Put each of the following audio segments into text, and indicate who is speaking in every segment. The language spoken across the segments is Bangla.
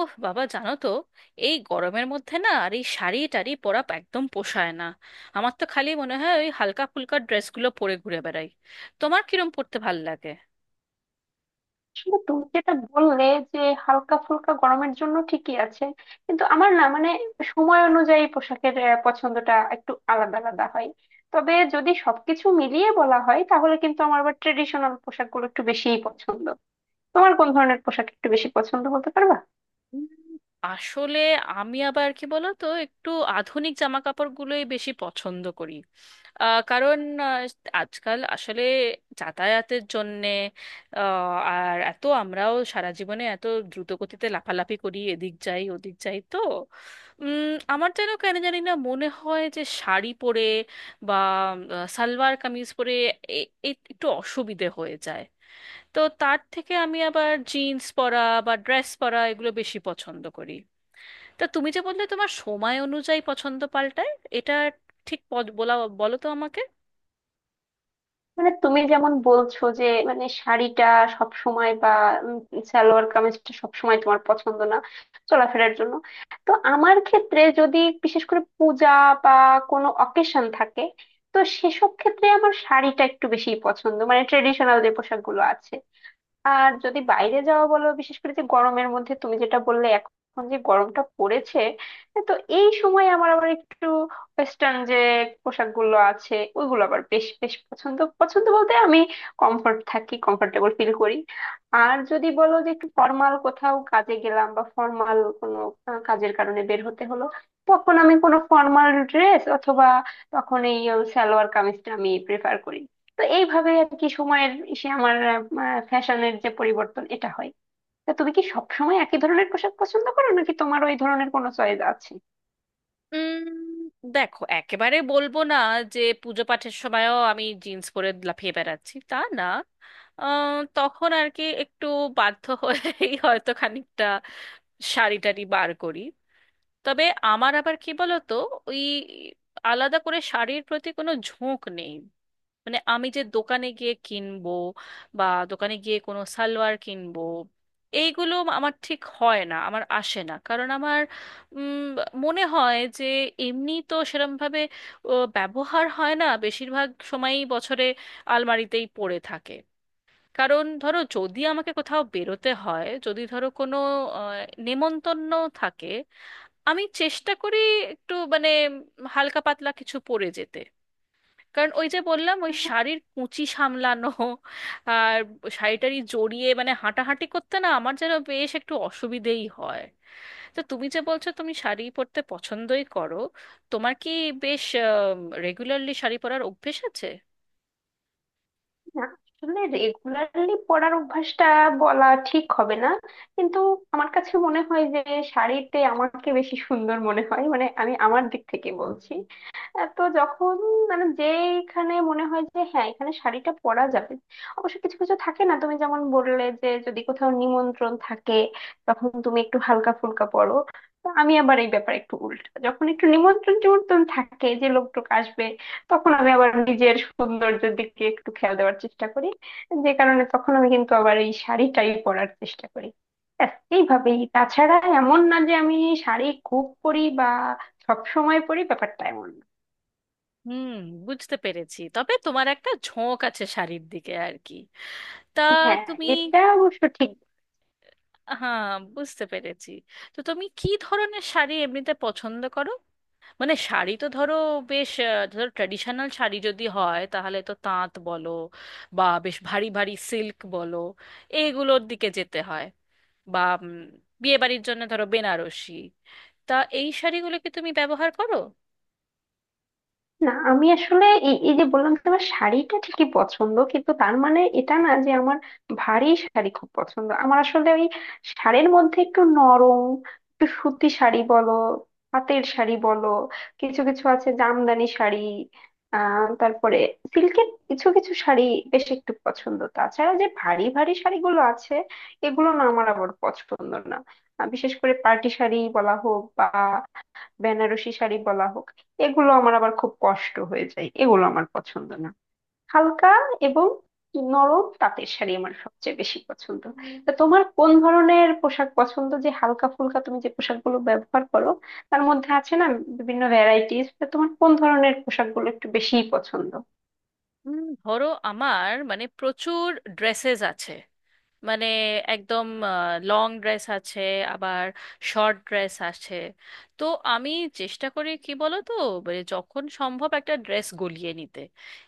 Speaker 1: ওহ বাবা, জানো তো, এই গরমের মধ্যে না আর এই শাড়ি টাড়ি পরা একদম পোষায় না। আমার তো খালি মনে হয় ওই হালকা ফুলকা ড্রেসগুলো পরে ঘুরে বেড়াই। তোমার কিরম পরতে ভাল লাগে?
Speaker 2: আসলে তুমি যেটা বললে যে হালকা ফুলকা গরমের জন্য ঠিকই আছে, কিন্তু আমার না, সময় অনুযায়ী পোশাকের পছন্দটা একটু আলাদা আলাদা হয়। তবে যদি সবকিছু মিলিয়ে বলা হয়, তাহলে কিন্তু আমার আবার ট্রেডিশনাল পোশাকগুলো একটু বেশিই পছন্দ। তোমার কোন ধরনের পোশাক একটু বেশি পছন্দ বলতে পারবা?
Speaker 1: উম, আসলে আমি আবার কি বলো তো, একটু আধুনিক জামা কাপড়গুলোই বেশি পছন্দ করি। কারণ আহ, আজকাল আসলে যাতায়াতের জন্যে, আহ, আর এত আমরাও সারা জীবনে এত দ্রুত গতিতে লাফালাফি করি, এদিক যাই ওদিক যাই, তো উম, আমার যেন কেন জানি না মনে হয় যে শাড়ি পরে বা সালোয়ার কামিজ পরে একটু অসুবিধে হয়ে যায়। তো তার থেকে আমি আবার জিন্স পরা বা ড্রেস পরা এগুলো বেশি পছন্দ করি। তা তুমি যে বললে তোমার সময় অনুযায়ী পছন্দ পাল্টায়, এটা ঠিক বলা বলো তো আমাকে।
Speaker 2: তুমি যেমন বলছো যে মানে শাড়িটা সব সময় বা উম সালোয়ার কামিজটা সব সময় তোমার পছন্দ না চলাফেরার জন্য। তো আমার ক্ষেত্রে যদি বিশেষ করে পূজা বা কোনো অকেশন থাকে, তো সেসব ক্ষেত্রে আমার শাড়িটা একটু বেশি পছন্দ, মানে ট্রেডিশনাল যে পোশাকগুলো আছে। আর যদি বাইরে যাওয়া বলো, বিশেষ করে যে গরমের মধ্যে তুমি যেটা বললে, এখন যে গরমটা পড়েছে, তো এই সময় আমার আবার একটু ওয়েস্টার্ন যে পোশাকগুলো আছে ওইগুলো আবার বেশ বেশ পছন্দ পছন্দ বলতে আমি কমফর্ট থাকি, কমফোর্টেবল ফিল করি। আর যদি বলো যে একটু ফর্মাল কোথাও কাজে গেলাম, বা ফর্মাল কোনো কাজের কারণে বের হতে হলো, তখন আমি কোনো ফর্মাল ড্রেস অথবা তখন এই সালোয়ার কামিজটা আমি প্রেফার করি। তো এইভাবে আর কি, সময়ের সে আমার ফ্যাশনের যে পরিবর্তন এটা হয়। তা তুমি কি সবসময় একই ধরনের পোশাক পছন্দ করো, নাকি তোমার ওই ধরনের কোনো চয়েস আছে?
Speaker 1: উম, দেখো একেবারে বলবো না যে পুজো পাঠের সময়ও আমি জিন্স পরে লাফিয়ে বেড়াচ্ছি, তা না। তখন আর কি একটু বাধ্য হয়েই হয়তো খানিকটা শাড়ি টাড়ি বার করি। তবে আমার আবার কি বলতো, ওই আলাদা করে শাড়ির প্রতি কোনো ঝোঁক নেই। মানে আমি যে দোকানে গিয়ে কিনবো বা দোকানে গিয়ে কোনো সালোয়ার কিনবো, এইগুলো আমার ঠিক হয় না, আমার আসে না। কারণ আমার উম, মনে হয় যে এমনি তো সেরমভাবে ব্যবহার হয় না, বেশিরভাগ সময়ই বছরে আলমারিতেই পড়ে থাকে। কারণ ধরো যদি আমাকে কোথাও বেরোতে হয়, যদি ধরো কোনো আহ, নেমন্তন্ন থাকে, আমি চেষ্টা করি একটু মানে হালকা পাতলা কিছু পরে যেতে। কারণ ওই যে বললাম, ওই শাড়ির কুঁচি সামলানো আর শাড়িটারি জড়িয়ে মানে হাঁটাহাঁটি করতে না, আমার যেন বেশ একটু অসুবিধেই হয়। তো তুমি যে বলছো তুমি শাড়ি পরতে পছন্দই করো, তোমার কি বেশ রেগুলারলি শাড়ি পরার অভ্যেস আছে?
Speaker 2: না, আসলে রেগুলারলি পরার অভ্যাসটা বলা ঠিক হবে না, কিন্তু আমার কাছে মনে হয় যে শাড়িতে আমাকে বেশি সুন্দর মনে হয়, মানে আমি আমার দিক থেকে বলছি। তো যখন মানে যেখানে মনে হয় যে হ্যাঁ এখানে শাড়িটা পরা যাবে। অবশ্য কিছু কিছু থাকে না, তুমি যেমন বললে যে যদি কোথাও নিমন্ত্রণ থাকে তখন তুমি একটু হালকা ফুলকা পরো, তো আমি আবার এই ব্যাপারে একটু উল্টা। যখন একটু নিমন্ত্রণ টিমন্ত্রণ থাকে, যে লোকটোক আসবে, তখন আমি আবার নিজের সৌন্দর্যের দিকে একটু খেয়াল দেওয়ার চেষ্টা করি। যে কারণে তখন আমি কিন্তু আবার এই শাড়িটাই পরার চেষ্টা করি। ব্যাস, এইভাবেই। তাছাড়া এমন না যে আমি শাড়ি খুব পরি বা সব সময় পরি, ব্যাপারটা এমন না।
Speaker 1: হুম, বুঝতে পেরেছি, তবে তোমার একটা ঝোঁক আছে শাড়ির দিকে আর কি। তা
Speaker 2: হ্যাঁ,
Speaker 1: তুমি।
Speaker 2: এটা অবশ্য ঠিক।
Speaker 1: হ্যাঁ, বুঝতে পেরেছি। তো তুমি কি ধরনের শাড়ি এমনিতে পছন্দ করো? মানে শাড়ি তো ধরো, বেশ ধরো ট্র্যাডিশনাল শাড়ি যদি হয় তাহলে তো তাঁত বলো বা বেশ ভারী ভারী সিল্ক বলো, এইগুলোর দিকে যেতে হয়। বা বিয়ে বাড়ির জন্য ধরো বেনারসি। তা এই শাড়িগুলো কি তুমি ব্যবহার করো?
Speaker 2: না, আমি আসলে এই এই যে বললাম যে আমার শাড়িটা ঠিকই পছন্দ, কিন্তু তার মানে এটা না যে আমার ভারী শাড়ি খুব পছন্দ। আমার আসলে ওই শাড়ির মধ্যে একটু নরম, একটু সুতি শাড়ি বলো, পাতের শাড়ি বলো, কিছু কিছু আছে জামদানি শাড়ি, আহ তারপরে সিল্কের কিছু কিছু শাড়ি বেশ একটু পছন্দ। তাছাড়া যে ভারী ভারী শাড়িগুলো আছে এগুলো না আমার আবার পছন্দ না। বিশেষ করে পার্টি শাড়ি বলা হোক বা বেনারসি শাড়ি বলা হোক, এগুলো আমার আবার খুব কষ্ট হয়ে যায়, এগুলো আমার পছন্দ না। হালকা এবং নরম তাঁতের শাড়ি আমার সবচেয়ে বেশি পছন্দ। তা তোমার কোন ধরনের পোশাক পছন্দ? যে হালকা ফুলকা তুমি যে পোশাকগুলো ব্যবহার করো তার মধ্যে আছে না বিভিন্ন ভ্যারাইটিস, তোমার কোন ধরনের পোশাকগুলো একটু বেশি পছন্দ?
Speaker 1: ধরো আমার মানে প্রচুর ড্রেসেস আছে। মানে একদম লং ড্রেস আছে, আবার শর্ট ড্রেস আছে। তো আমি চেষ্টা করি, কি বলো তো, মানে যখন সম্ভব একটা ড্রেস গলিয়ে নিতে।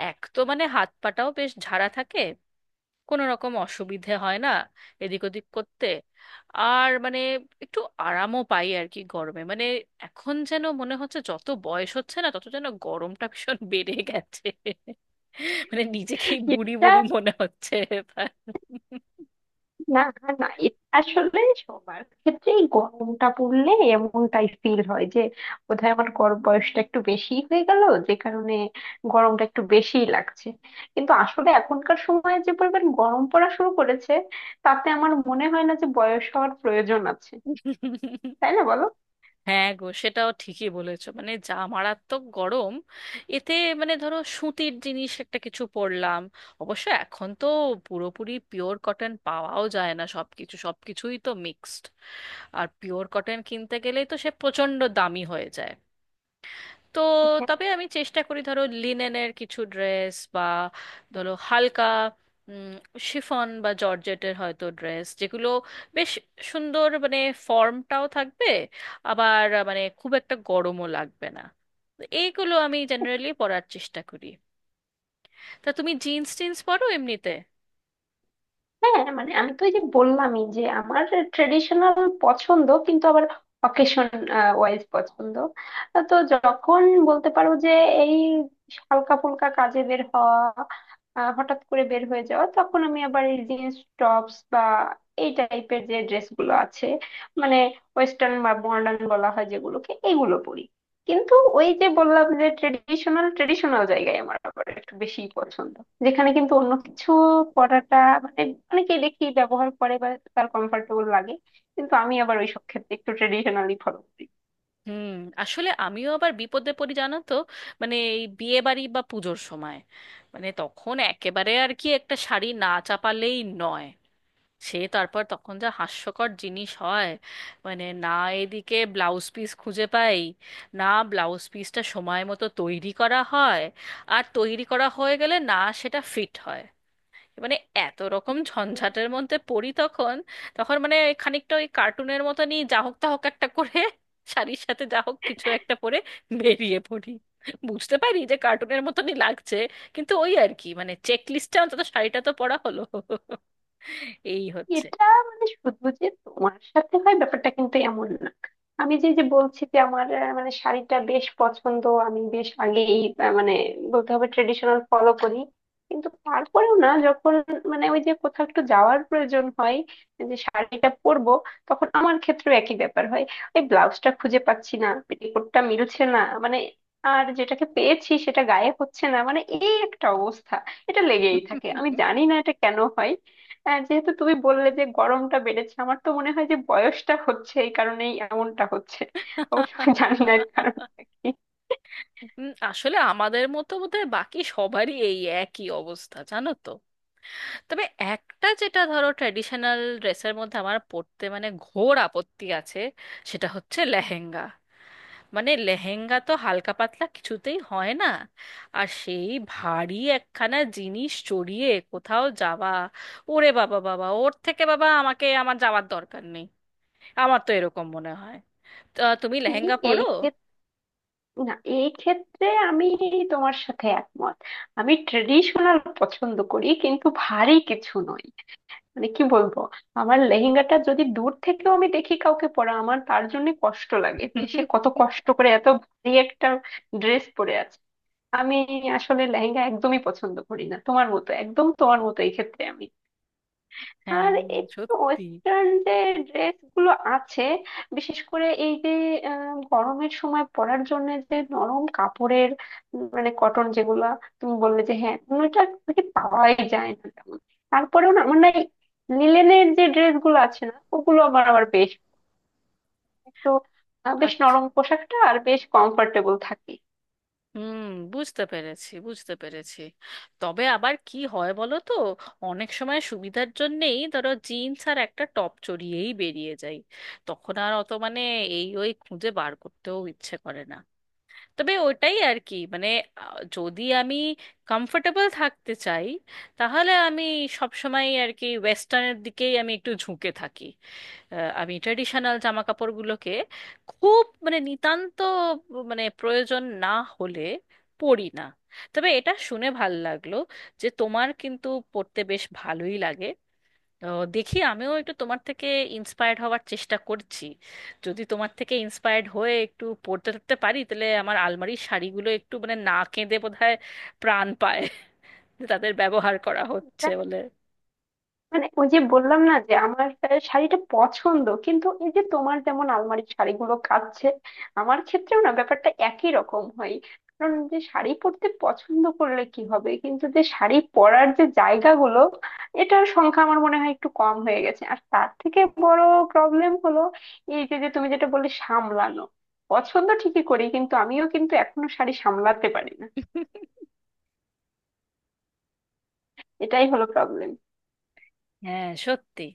Speaker 1: এক তো মানে হাত পাটাও বেশ ঝাড়া থাকে, কোনো রকম অসুবিধে হয় না এদিক ওদিক করতে। আর মানে একটু আরামও পাই আর কি গরমে। মানে এখন যেন মনে হচ্ছে, যত বয়স হচ্ছে না, তত যেন গরমটা ভীষণ বেড়ে গেছে। মানে নিজেকেই বুড়ি
Speaker 2: এটা
Speaker 1: বুড়ি মনে হচ্ছে এবার।
Speaker 2: না, না এটা আসলে সবার ক্ষেত্রেই গরমটা পড়লে এমনটাই ফিল হয় যে বোধহয় আমার গরম বয়সটা একটু বেশি হয়ে গেল, যে কারণে গরমটা একটু বেশিই লাগছে। কিন্তু আসলে এখনকার সময়ে যে পরিমাণ গরম পড়া শুরু করেছে, তাতে আমার মনে হয় না যে বয়স হওয়ার প্রয়োজন আছে। তাই না বলো?
Speaker 1: হ্যাঁ গো, সেটাও ঠিকই বলেছো, মানে যা মারাত্মক গরম। এতে মানে ধরো সুতির জিনিস একটা কিছু পরলাম। অবশ্য এখন তো পুরোপুরি পিওর কটন পাওয়াও যায় না, সবকিছুই তো মিক্সড। আর পিওর কটন কিনতে গেলেই তো সে প্রচণ্ড দামি হয়ে যায়। তো তবে আমি চেষ্টা করি, ধরো লিনেনের কিছু ড্রেস বা ধরো হালকা শিফন বা জর্জেটের হয়তো ড্রেস, যেগুলো বেশ সুন্দর, মানে ফর্মটাও থাকবে, আবার মানে খুব একটা গরমও লাগবে না। তো এইগুলো আমি জেনারেলি পরার চেষ্টা করি। তা তুমি জিন্স টিন্স পরো এমনিতে?
Speaker 2: হ্যাঁ, মানে আমি তো এই যে বললামই যে আমার ট্রেডিশনাল পছন্দ, কিন্তু আবার অকেশন ওয়াইজ পছন্দ। তো যখন বলতে পারো যে এই হালকা ফুলকা কাজে বের হওয়া, হঠাৎ করে বের হয়ে যাওয়া, তখন আমি আবার এই জিন্স টপস বা এই টাইপের যে ড্রেস গুলো আছে, মানে ওয়েস্টার্ন বা মডার্ন বলা হয় যেগুলোকে, এগুলো পরি। কিন্তু ওই যে বললাম যে ট্রেডিশনাল ট্রেডিশনাল জায়গায় আমার আবার একটু বেশি পছন্দ, যেখানে কিন্তু অন্য কিছু পড়াটা মানে অনেকেই দেখি ব্যবহার করে বা তার কমফোর্টেবল লাগে, কিন্তু আমি আবার ওইসব ক্ষেত্রে একটু ট্রেডিশনালি ফলো করি।
Speaker 1: হুম, আসলে আমিও আবার বিপদে পড়ি জানো তো। মানে এই বিয়ে বাড়ি বা পুজোর সময়, মানে তখন একেবারে আর কি একটা শাড়ি না চাপালেই নয়। সে তারপর তখন যা হাস্যকর জিনিস হয়, মানে না এদিকে ব্লাউজ পিস খুঁজে পাই, না ব্লাউজ পিসটা সময় মতো তৈরি করা হয়, আর তৈরি করা হয়ে গেলে না সেটা ফিট হয়, মানে এত রকম ঝঞ্ঝাটের মধ্যে পড়ি তখন। তখন মানে খানিকটা ওই কার্টুনের মতনই যা হোক তা হোক একটা করে শাড়ির সাথে যা হোক কিছু একটা পরে বেরিয়ে পড়ি। বুঝতে পারি যে কার্টুনের মতনই লাগছে, কিন্তু ওই আর কি মানে চেক লিস্টে অন্তত শাড়িটা তো পরা হলো, এই হচ্ছে।
Speaker 2: এটা মানে শুধু যে তোমার সাথে হয় ব্যাপারটা কিন্তু এমন না। আমি যে যে বলছি যে আমার মানে শাড়িটা বেশ পছন্দ, আমি বেশ আগেই মানে বলতে হবে ট্রেডিশনাল ফলো করি, কিন্তু তারপরেও না যখন মানে ওই যে কোথাও একটু যাওয়ার প্রয়োজন হয় যে শাড়িটা পরবো, তখন আমার ক্ষেত্রেও একই ব্যাপার হয়। ওই ব্লাউজটা খুঁজে পাচ্ছি না, পেটিকোটটা মিলছে না, মানে আর যেটাকে পেয়েছি সেটা গায়ে হচ্ছে না, মানে এই একটা অবস্থা। এটা লেগেই থাকে, আমি জানি না এটা কেন হয়। হ্যাঁ, যেহেতু তুমি বললে যে গরমটা বেড়েছে, আমার তো মনে হয় যে বয়সটা হচ্ছে, এই কারণেই এমনটা হচ্ছে। অবশ্য আমি জানি না এর কারণটা কি।
Speaker 1: আসলে আমাদের মতো বোধহয় বাকি সবারই এই একই অবস্থা জানো তো। তবে একটা যেটা ধরো ট্র্যাডিশনাল ড্রেসের মধ্যে আমার পড়তে মানে ঘোর আপত্তি আছে, সেটা হচ্ছে লেহেঙ্গা। মানে লেহেঙ্গা তো হালকা পাতলা কিছুতেই হয় না, আর সেই ভারী একখানা জিনিস চড়িয়ে কোথাও যাওয়া। ওরে বাবা বাবা, ওর থেকে বাবা আমাকে আমার যাওয়ার দরকার নেই। আমার তো এরকম মনে হয়। তা তুমি
Speaker 2: এই
Speaker 1: লেহেঙ্গা
Speaker 2: এই
Speaker 1: পরো?
Speaker 2: ক্ষেত- না, এই ক্ষেত্রে আমি তোমার সাথে একমত। আমি ট্রেডিশনাল পছন্দ করি, কিন্তু ভারী কিছু নয়। মানে কি বলবো, আমার লেহেঙ্গাটা যদি দূর থেকেও আমি দেখি কাউকে পরা, আমার তার জন্য কষ্ট লাগে যে সে কত কষ্ট করে এত ভারী একটা ড্রেস পরে আছে। আমি আসলে লেহেঙ্গা একদমই পছন্দ করি না, তোমার মতো, একদম তোমার মতো এই ক্ষেত্রে আমি।
Speaker 1: হ্যাঁ,
Speaker 2: আর একটু
Speaker 1: সত্যি।
Speaker 2: ওয়েস্টার্ন যে ড্রেস গুলো আছে, বিশেষ করে এই যে গরমের সময় পরার জন্য যে নরম কাপড়ের মানে কটন যেগুলো, তুমি বললে যে হ্যাঁ ওটা কি পাওয়াই যায় না তেমন, তারপরেও না আমার না এই লিলেনের যে ড্রেস গুলো আছে না ওগুলো আমার আবার বেশ একটু বেশ
Speaker 1: আচ্ছা,
Speaker 2: নরম পোশাকটা আর বেশ কমফোর্টেবল থাকে।
Speaker 1: হুম, বুঝতে পেরেছি, বুঝতে পেরেছি। তবে আবার কি হয় বলো তো, অনেক সময় সুবিধার জন্যেই ধরো জিন্স আর একটা টপ চড়িয়েই বেরিয়ে যাই। তখন আর অত মানে এই ওই খুঁজে বার করতেও ইচ্ছে করে না। তবে ওটাই আর কি মানে, যদি আমি কমফোর্টেবল থাকতে চাই তাহলে আমি সব সময় আর কি ওয়েস্টার্নের দিকেই আমি একটু ঝুঁকে থাকি। আমি ট্রেডিশনাল জামা কাপড়গুলোকে খুব মানে নিতান্ত, মানে প্রয়োজন না হলে পরি না। তবে এটা শুনে ভাল লাগলো যে তোমার কিন্তু পড়তে বেশ ভালোই লাগে। দেখি আমিও একটু তোমার থেকে ইন্সপায়ার্ড হওয়ার চেষ্টা করছি। যদি তোমার থেকে ইন্সপায়ার্ড হয়ে একটু পড়তে টরতে পারি, তাহলে আমার আলমারির শাড়িগুলো একটু মানে না কেঁদে বোধহয় প্রাণ পায় যে তাদের ব্যবহার করা হচ্ছে বলে।
Speaker 2: মানে ওই যে বললাম না যে আমার শাড়িটা পছন্দ, কিন্তু এই যে তোমার যেমন আলমারির শাড়িগুলো কাচ্ছে, আমার ক্ষেত্রেও না ব্যাপারটা একই রকম হয়। কারণ যে শাড়ি পরতে পছন্দ করলে কি হবে, কিন্তু যে শাড়ি পরার যে জায়গাগুলো এটার সংখ্যা আমার মনে হয় একটু কম হয়ে গেছে। আর তার থেকে বড় প্রবলেম হলো এই যে, তুমি যেটা বললে সামলানো, পছন্দ ঠিকই করি কিন্তু আমিও কিন্তু এখনো শাড়ি সামলাতে পারি না। এটাই হলো প্রবলেম।
Speaker 1: হ্যাঁ, সত্যি।